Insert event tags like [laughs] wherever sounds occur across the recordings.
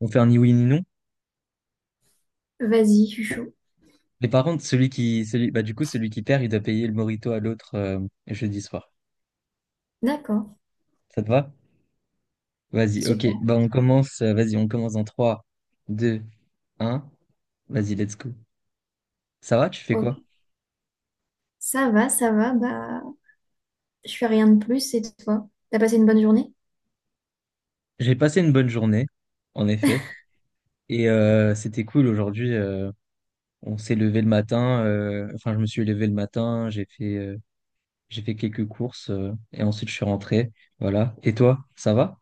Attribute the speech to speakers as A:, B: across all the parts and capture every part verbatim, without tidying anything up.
A: On fait un ni oui ni non.
B: Vas-y, je suis chaud.
A: Mais par contre, celui qui, celui, bah, du coup, celui qui perd, il doit payer le morito à l'autre euh, jeudi soir.
B: D'accord,
A: Ça te va? Vas-y, ok.
B: super,
A: Bah, on commence, euh, vas-y, on commence en trois, deux, un. Vas-y, let's go. Ça va, tu fais quoi?
B: ok. Ça va, ça va, bah, je fais rien de plus, c'est toi. T'as passé une bonne journée?
A: J'ai passé une bonne journée, en effet. Et euh, c'était cool aujourd'hui. Euh, on s'est levé le matin. Euh, enfin, Je me suis levé le matin. J'ai fait, euh, j'ai fait quelques courses. Euh, et ensuite, je suis rentré. Voilà. Et toi, ça va?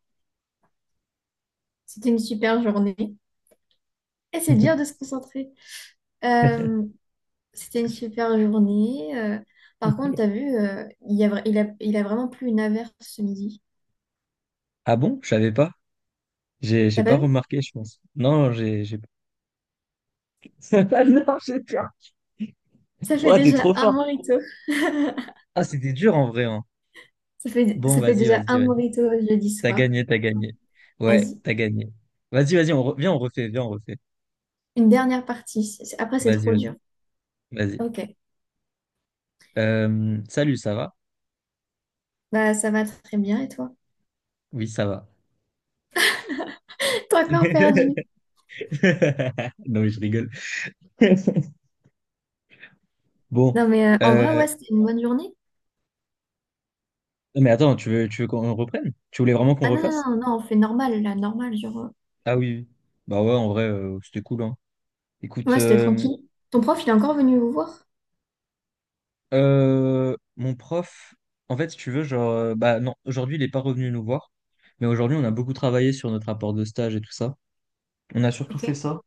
B: C'était une super journée. Et c'est dur de se
A: [laughs]
B: concentrer. Euh, C'était une super journée. Euh, par contre, t'as vu, euh, il y a, vra- il a, il a vraiment plu une averse ce midi.
A: Ah bon? Je savais pas. J'ai j'ai
B: T'as
A: pas
B: pas vu?
A: remarqué, je pense. Non, j'ai j'ai [laughs] ah non, j'ai peur.
B: Ça fait
A: Ouah, t'es
B: déjà
A: trop
B: un
A: fort.
B: morito.
A: Ah, c'était dur en vrai, hein.
B: Ça fait,
A: Bon,
B: ça fait
A: vas-y,
B: déjà
A: vas-y,
B: un
A: vas-y.
B: morito le jeudi
A: T'as
B: soir.
A: gagné, t'as gagné. Ouais,
B: Vas-y,
A: t'as gagné. Vas-y, vas-y, on re- viens, on refait, viens, on refait.
B: une dernière partie. C'est- Après, c'est
A: Vas-y,
B: trop
A: vas-y,
B: dur.
A: vas-y.
B: Ok,
A: Euh, salut, ça va?
B: bah, ça va très bien, et toi?
A: Oui, ça va.
B: [laughs] T'as encore perdu.
A: [laughs] Non, mais je rigole. [laughs] Bon,
B: Non, mais euh, en vrai,
A: euh,
B: ouais, c'était une bonne journée.
A: non, mais attends, tu veux, tu veux qu'on reprenne? Tu voulais vraiment qu'on
B: Ah non, non,
A: refasse?
B: non, non, on fait normal, là, normal, genre. euh,
A: Ah oui, oui. Bah ouais, en vrai, euh, c'était cool, hein. Écoute,
B: Ouais, c'était
A: euh,
B: tranquille. Ton prof, il est encore venu vous voir?
A: Euh, mon prof, en fait, si tu veux, genre, euh, bah non, aujourd'hui, il n'est pas revenu nous voir, mais aujourd'hui, on a beaucoup travaillé sur notre rapport de stage et tout ça. On a surtout
B: Ok,
A: fait ça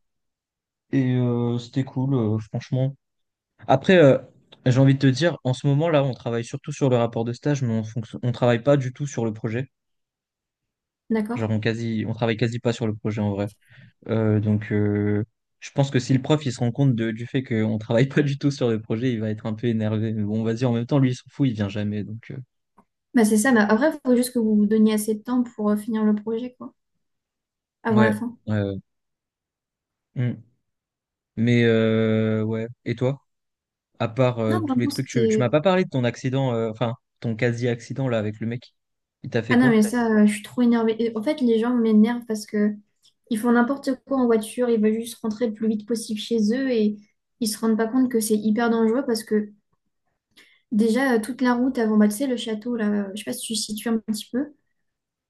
A: et euh, c'était cool, euh, franchement. Après, euh, j'ai envie de te dire, en ce moment, là, on travaille surtout sur le rapport de stage, mais on fonc- on travaille pas du tout sur le projet. Genre,
B: d'accord.
A: on quasi, on travaille quasi pas sur le projet en vrai. Euh, donc, euh, je pense que si le prof, il se rend compte de- du fait qu'on travaille [laughs] pas du tout sur le projet, il va être un peu énervé. Mais bon, vas-y, en même temps, lui, il s'en fout, il vient jamais, donc. euh,
B: Bah, c'est ça, bah après, il faut juste que vous vous donniez assez de temps pour euh, finir le projet, quoi, avant la
A: Ouais,
B: fin.
A: ouais, ouais. Mm. Mais euh, ouais. Et toi? À part euh,
B: Non,
A: tous les
B: vraiment,
A: trucs, tu, tu m'as
B: c'était.
A: pas parlé de ton accident, euh, enfin ton quasi-accident là avec le mec. Il t'a fait
B: Ah non, mais
A: quoi?
B: ça, euh, je suis trop énervée. Et en fait, les gens m'énervent parce que ils font n'importe quoi en voiture, ils veulent juste rentrer le plus vite possible chez eux et ils se rendent pas compte que c'est hyper dangereux parce que déjà, euh, toute la route avant, bah, tu sais, le château, là, euh, je sais pas si tu situes un petit peu.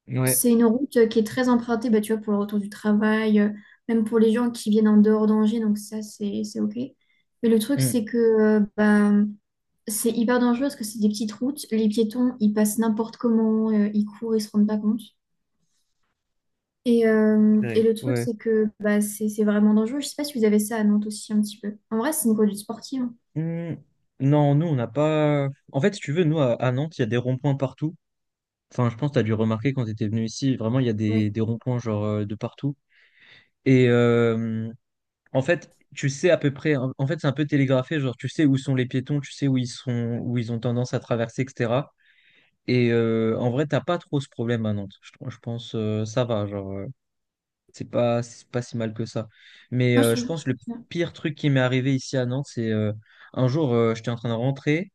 A: Ouais,
B: C'est une route euh, qui est très empruntée, bah, tu vois, pour le retour du travail, euh, même pour les gens qui viennent en dehors d'Angers, donc ça, c'est, c'est OK. Mais le truc,
A: mm.
B: c'est que euh, bah, c'est hyper dangereux parce que c'est des petites routes. Les piétons, ils passent n'importe comment, euh, ils courent, ils se rendent pas compte. Et, euh, et
A: Ouais.
B: le truc,
A: Ouais.
B: c'est que bah, c'est c'est vraiment dangereux. Je sais pas si vous avez ça à Nantes aussi un petit peu. En vrai, c'est une conduite sportive. Hein.
A: Hmm, non, nous, on n'a pas. En fait, si tu veux, nous, à, à Nantes, il y a des ronds-points partout. Enfin, je pense que tu dû remarquer quand tu étais venu ici, vraiment, il y a des,
B: Oui.
A: des ronds-points, genre, euh, de partout. Et euh, en fait, tu sais à peu près. En en fait, c'est un peu télégraphé, genre, tu sais où sont les piétons, tu sais où ils sont, où ils ont tendance à traverser, et cetera. Et euh, en vrai, t'as pas trop ce problème à Nantes. Je, tr- je pense euh, ça va, genre euh, c'est pas c'est pas si mal que ça. Mais
B: Moi, je
A: euh, je
B: trouve.
A: pense le pire truc qui m'est arrivé ici à Nantes, c'est euh, un jour euh, j'étais en train de rentrer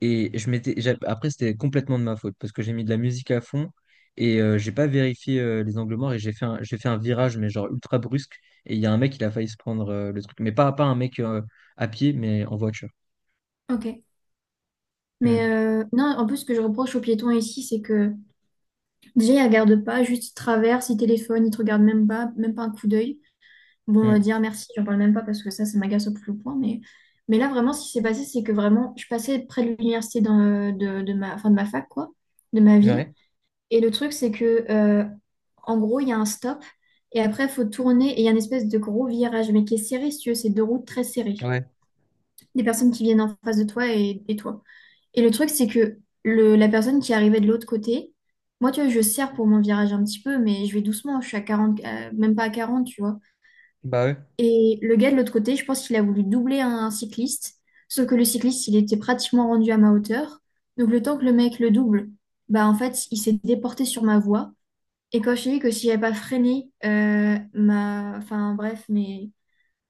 A: et je m'étais j'a- après c'était complètement de ma faute parce que j'ai mis de la musique à fond et euh, j'ai pas vérifié euh, les angles morts et j'ai fait un, j'ai fait un virage mais genre ultra brusque et il y a un mec il a failli se prendre euh, le truc mais pas pas un mec euh, à pied mais en voiture.
B: Ok. Mais
A: Mm,
B: euh, non, en plus, ce que je reproche aux piétons ici, c'est que déjà, il regarde pas, juste il traverse, il téléphone, il te regarde même pas, même pas un coup d'œil. Bon, euh,
A: mm.
B: dire merci, j'en parle même pas parce que ça, ça m'agace au plus haut point. Mais, mais là, vraiment, ce qui s'est passé, c'est que vraiment, je passais près de l'université dans, euh, de, de ma, enfin, de ma fac, quoi, de ma ville.
A: Ouais,
B: Et le truc, c'est que, euh, en gros, il y a un stop et après, il faut tourner et il y a une espèce de gros virage, mais qui est serré, si tu veux, c'est deux routes très serrées.
A: ouais,
B: Des personnes qui viennent en face de toi et, et toi. Et le truc, c'est que le, la personne qui arrivait de l'autre côté, moi, tu vois, je serre pour mon virage un petit peu, mais je vais doucement, je suis à quarante, euh, même pas à quarante tu vois.
A: bah ouais,
B: Et le gars de l'autre côté, je pense qu'il a voulu doubler un, cycliste, sauf que le cycliste, il était pratiquement rendu à ma hauteur. Donc, le temps que le mec le double, bah, en fait, il s'est déporté sur ma voie. Et quand je t'ai dit que si j'avais pas freiné euh, ma, enfin, bref, mes,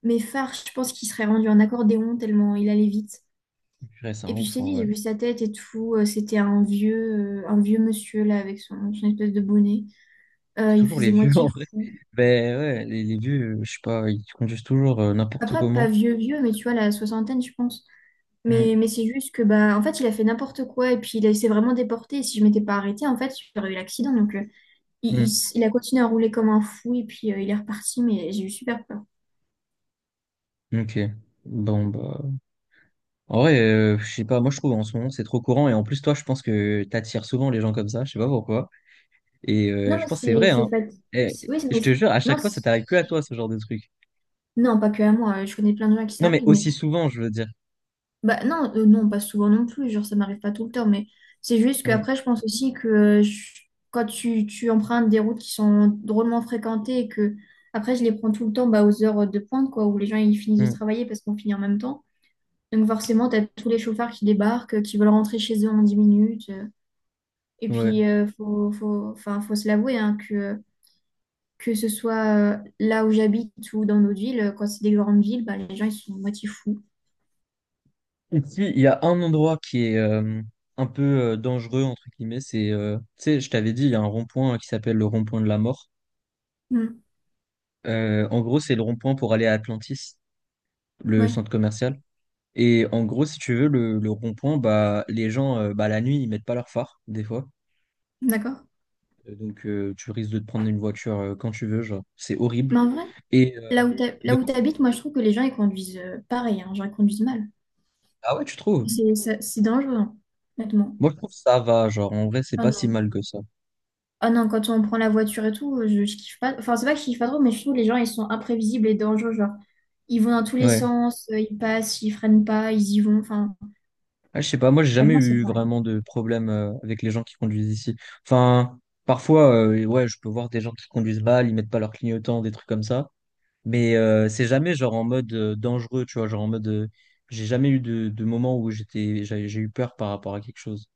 B: mes phares, je pense qu'il serait rendu en accordéon tellement il allait vite.
A: purée, c'est un
B: Et puis je
A: ouf
B: t'ai
A: en
B: dit, j'ai
A: vrai.
B: vu sa tête et tout. euh, C'était un vieux, euh, un vieux monsieur là avec son, son espèce de bonnet. Euh,
A: C'est
B: il
A: toujours les
B: faisait
A: vieux [laughs]
B: moitié
A: en vrai.
B: fou.
A: Ben ouais, les, les vieux, euh, je sais pas, ils conduisent toujours euh, n'importe
B: Après, pas
A: comment.
B: vieux, vieux, mais tu vois, la soixantaine, je pense. Mais,
A: Mm.
B: mais c'est juste que, bah, en fait, il a fait n'importe quoi et puis il a- il s'est vraiment déporté. Et si je m'étais pas arrêtée, en fait, j'aurais eu l'accident. Donc, euh, il, il s- il a continué à rouler comme un fou et puis euh, il est reparti, mais j'ai eu super peur.
A: Mm. Ok. Bon bah. En vrai, euh, je sais pas, moi je trouve en ce moment c'est trop courant et en plus toi je pense que t'attires souvent les gens comme ça, je sais pas pourquoi. Et euh,
B: Non,
A: je
B: mais
A: pense que c'est
B: c'est
A: vrai, hein.
B: c'est fat-
A: Et
B: c'est- Oui, c'est- mais
A: je te
B: c'est-
A: jure, à
B: non,
A: chaque fois ça
B: c'est-
A: t'arrive que à toi ce genre de truc.
B: non, pas que à moi. euh, Je connais plein de gens à qui
A: Non
B: ça
A: mais
B: arrive, mais
A: aussi souvent, je veux dire.
B: bah non, euh, non, pas souvent non plus, genre ça m'arrive pas tout le temps, mais c'est juste
A: Mm.
B: qu'après je pense aussi que euh, je- quand tu, tu empruntes des routes qui sont drôlement fréquentées et que après je les prends tout le temps bah, aux heures de pointe, quoi, où les gens ils finissent de
A: Mm.
B: travailler parce qu'on finit en même temps. Donc forcément, t'as tous les chauffeurs qui débarquent, euh, qui veulent rentrer chez eux en dix minutes. euh. Et
A: Ouais.
B: puis, euh, faut, faut, enfin, faut se l'avouer, hein, que, que ce soit euh, là où j'habite ou dans notre ville, quand c'est des grandes villes, bah, les gens ils sont moitié fous.
A: Ici, il y a un endroit qui est euh, un peu euh, dangereux entre guillemets, c'est euh, tu sais, je t'avais dit, il y a un rond-point qui s'appelle le rond-point de la mort.
B: Hmm.
A: Euh, en gros, c'est le rond-point pour aller à Atlantis, le
B: Ouais,
A: centre commercial. Et en gros, si tu veux, le, le rond-point, bah, les gens, euh, bah, la nuit, ils mettent pas leur phare, des fois.
B: d'accord.
A: Euh, Donc, euh, tu risques de te prendre une voiture euh, quand tu veux, genre. C'est horrible.
B: Mais en vrai,
A: Et, euh,
B: là où t'ha-
A: de
B: là où
A: quoi
B: t'habites, moi je trouve que les gens ils conduisent euh, pareil, hein, genre ils conduisent mal.
A: ah ouais, tu trouves?
B: C'est ça- c'est dangereux, hein, honnêtement.
A: Moi, je trouve que ça va, genre. En vrai, c'est
B: Ah
A: pas si
B: non.
A: mal que ça.
B: Ah non, quand on prend la voiture et tout, euh, je, je kiffe pas. Enfin, c'est pas que je kiffe pas trop, mais je trouve que les gens ils sont imprévisibles et dangereux. Genre, ils vont dans tous les
A: Ouais.
B: sens, euh, ils passent, ils freinent pas, ils y vont. Enfin,
A: Ah, je sais pas, moi, j'ai jamais
B: honnêtement, c'est
A: eu
B: pareil.
A: vraiment de problème euh, avec les gens qui conduisent ici. Enfin, parfois, euh, ouais, je peux voir des gens qui conduisent mal, ils mettent pas leur clignotant, des trucs comme ça. Mais euh, c'est jamais genre en mode euh, dangereux, tu vois, genre en mode euh, j'ai jamais eu de, de moment où j'étais j'ai j'ai eu peur par rapport à quelque chose.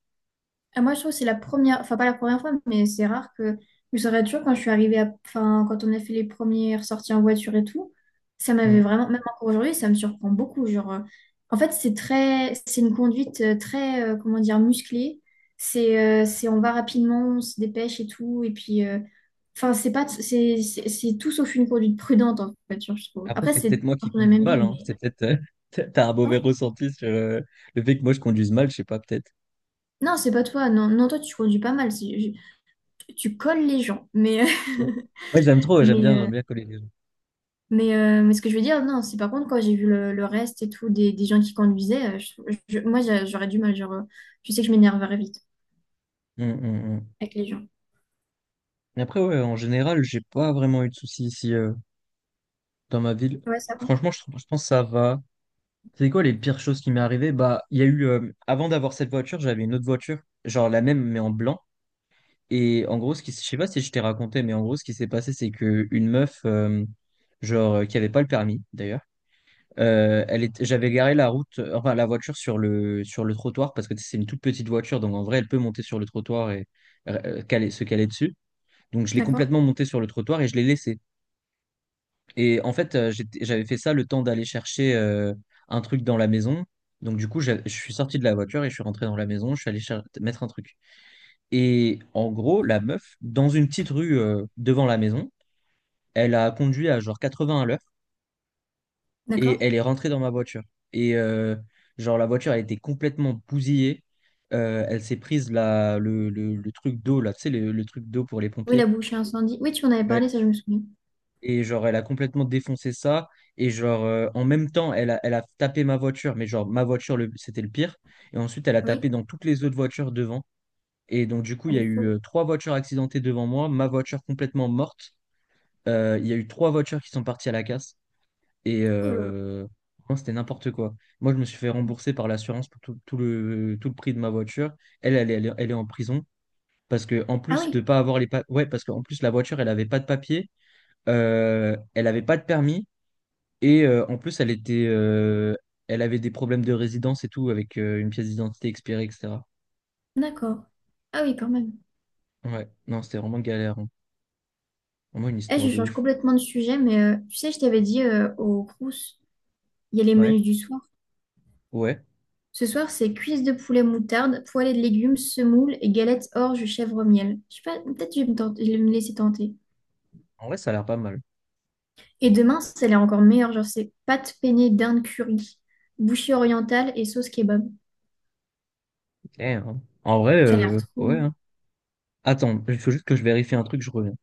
B: Ah, moi, je trouve que c'est la première, enfin pas la première fois, mais c'est rare que je me souviens toujours quand je suis arrivée à, enfin, quand on a fait les premières sorties en voiture et tout, ça m'avait
A: Mm.
B: vraiment, même encore aujourd'hui, ça me surprend beaucoup. Genre, euh, en fait, c'est très, c'est une conduite euh, très, euh, comment dire, musclée. C'est, euh, c'est, on va rapidement, on se dépêche et tout, et puis, euh, enfin, c'est pas, c'est, c'est, c'est tout sauf une conduite prudente en voiture, je trouve.
A: Après,
B: Après,
A: c'est
B: c'est
A: peut-être moi
B: dans
A: qui
B: la
A: conduis
B: même
A: mal,
B: ville,
A: hein.
B: mais.
A: C'est peut-être euh, [laughs] t'as t'as un mauvais
B: Oh.
A: ressenti sur euh, le fait que moi je conduise mal, je sais pas, peut-être.
B: Non, c'est pas toi. Non, non, toi, tu conduis pas mal. C'est- je- Tu colles les gens, mais.
A: Ouais,
B: [laughs]
A: ouais, j'aime trop, ouais, j'aime
B: Mais,
A: bien, j'aime
B: euh,
A: bien coller les gens.
B: mais, euh, mais ce que je veux dire, non, c'est par contre, quand j'ai vu le, le reste et tout, des, des gens qui conduisaient, euh, je- je- moi, j'a- j'aurais du mal. Genre, euh, je sais que je m'énerverais vite
A: Mm, mm, mm.
B: avec les gens.
A: Et après, ouais, en général, j'ai pas vraiment eu de soucis ici euh, dans ma ville.
B: Ouais, ça va.
A: Franchement, je, trouve- je pense que ça va. C'est quoi les pires choses qui m'est arrivé? Bah, il y a eu euh, avant d'avoir cette voiture, j'avais une autre voiture, genre la même mais en blanc. Et en gros, ce qui, s- je sais pas si je t'ai raconté, mais en gros, ce qui s'est passé, c'est que une meuf, euh, genre, euh, qui avait pas le permis d'ailleurs, euh, elle était, j'avais garé la route, euh, enfin la voiture sur le sur le trottoir parce que c'est une toute petite voiture, donc en vrai, elle peut monter sur le trottoir et euh, caler, se caler dessus. Donc je l'ai
B: D'accord,
A: complètement montée sur le trottoir et je l'ai laissée. Et en fait, euh, j'étais- j'avais fait ça le temps d'aller chercher euh, un truc dans la maison. Donc du coup, j'a- je suis sorti de la voiture et je suis rentré dans la maison. Je suis allé cher- Mettre un truc. Et en gros, la meuf, dans une petite rue euh, devant la maison, elle a conduit à genre quatre-vingts à l'heure et
B: d'accord.
A: elle est rentrée dans ma voiture. Et euh, genre, la voiture, elle était complètement bousillée. Euh, elle s'est prise la, le, le- le truc d'eau, là, tu sais, le, le truc d'eau pour les
B: Oui, la
A: pompiers.
B: bouche incendie. Oui, tu en avais
A: Ouais.
B: parlé, ça, je me souviens.
A: Et genre, elle a complètement défoncé ça. Et genre, euh, en même temps, elle a, elle a tapé ma voiture, mais genre, ma voiture, le- c'était le pire. Et ensuite, elle a tapé
B: Oui,
A: dans toutes les autres voitures devant. Et donc, du coup, il
B: elle
A: y a
B: est
A: eu
B: folle.
A: euh, trois voitures accidentées devant moi, ma voiture complètement morte. Euh, Il y a eu trois voitures qui sont parties à la casse et
B: Oh là là.
A: euh, franchement, c'était n'importe quoi. Moi, je me suis fait rembourser par l'assurance pour tout, tout le, tout le prix de ma voiture. Elle, elle, est- elle, est elle est en prison parce que en
B: Ah
A: plus de
B: oui,
A: pas avoir les pa- ouais, parce qu'en plus la voiture, elle avait pas de papier, euh, elle avait pas de permis et euh, en plus elle était, euh, elle avait des problèmes de résidence et tout avec euh, une pièce d'identité expirée, et cetera.
B: d'accord. Ah oui, quand même.
A: Ouais, non, c'était vraiment galère. Hein. Vraiment une
B: Eh,
A: histoire
B: je
A: de
B: change
A: ouf.
B: complètement de sujet, mais euh, tu sais, je t'avais dit euh, au Crous, il y a les
A: Ouais,
B: menus du soir.
A: ouais.
B: Ce soir, c'est cuisses de poulet moutarde, poêlée de légumes, semoule et galettes orge chèvre miel. Je sais pas, peut-être je vais me tenter- je vais me laisser tenter.
A: En vrai, ça a l'air pas mal.
B: Et demain, celle est encore meilleure, genre c'est pâtes peignées d'Inde curry, bouchée orientale et sauce kebab.
A: Eh, hein. En vrai,
B: Ça a l'air
A: euh,
B: trop
A: ouais.
B: bon.
A: Hein. Attends, il faut juste que je vérifie un truc, je reviens.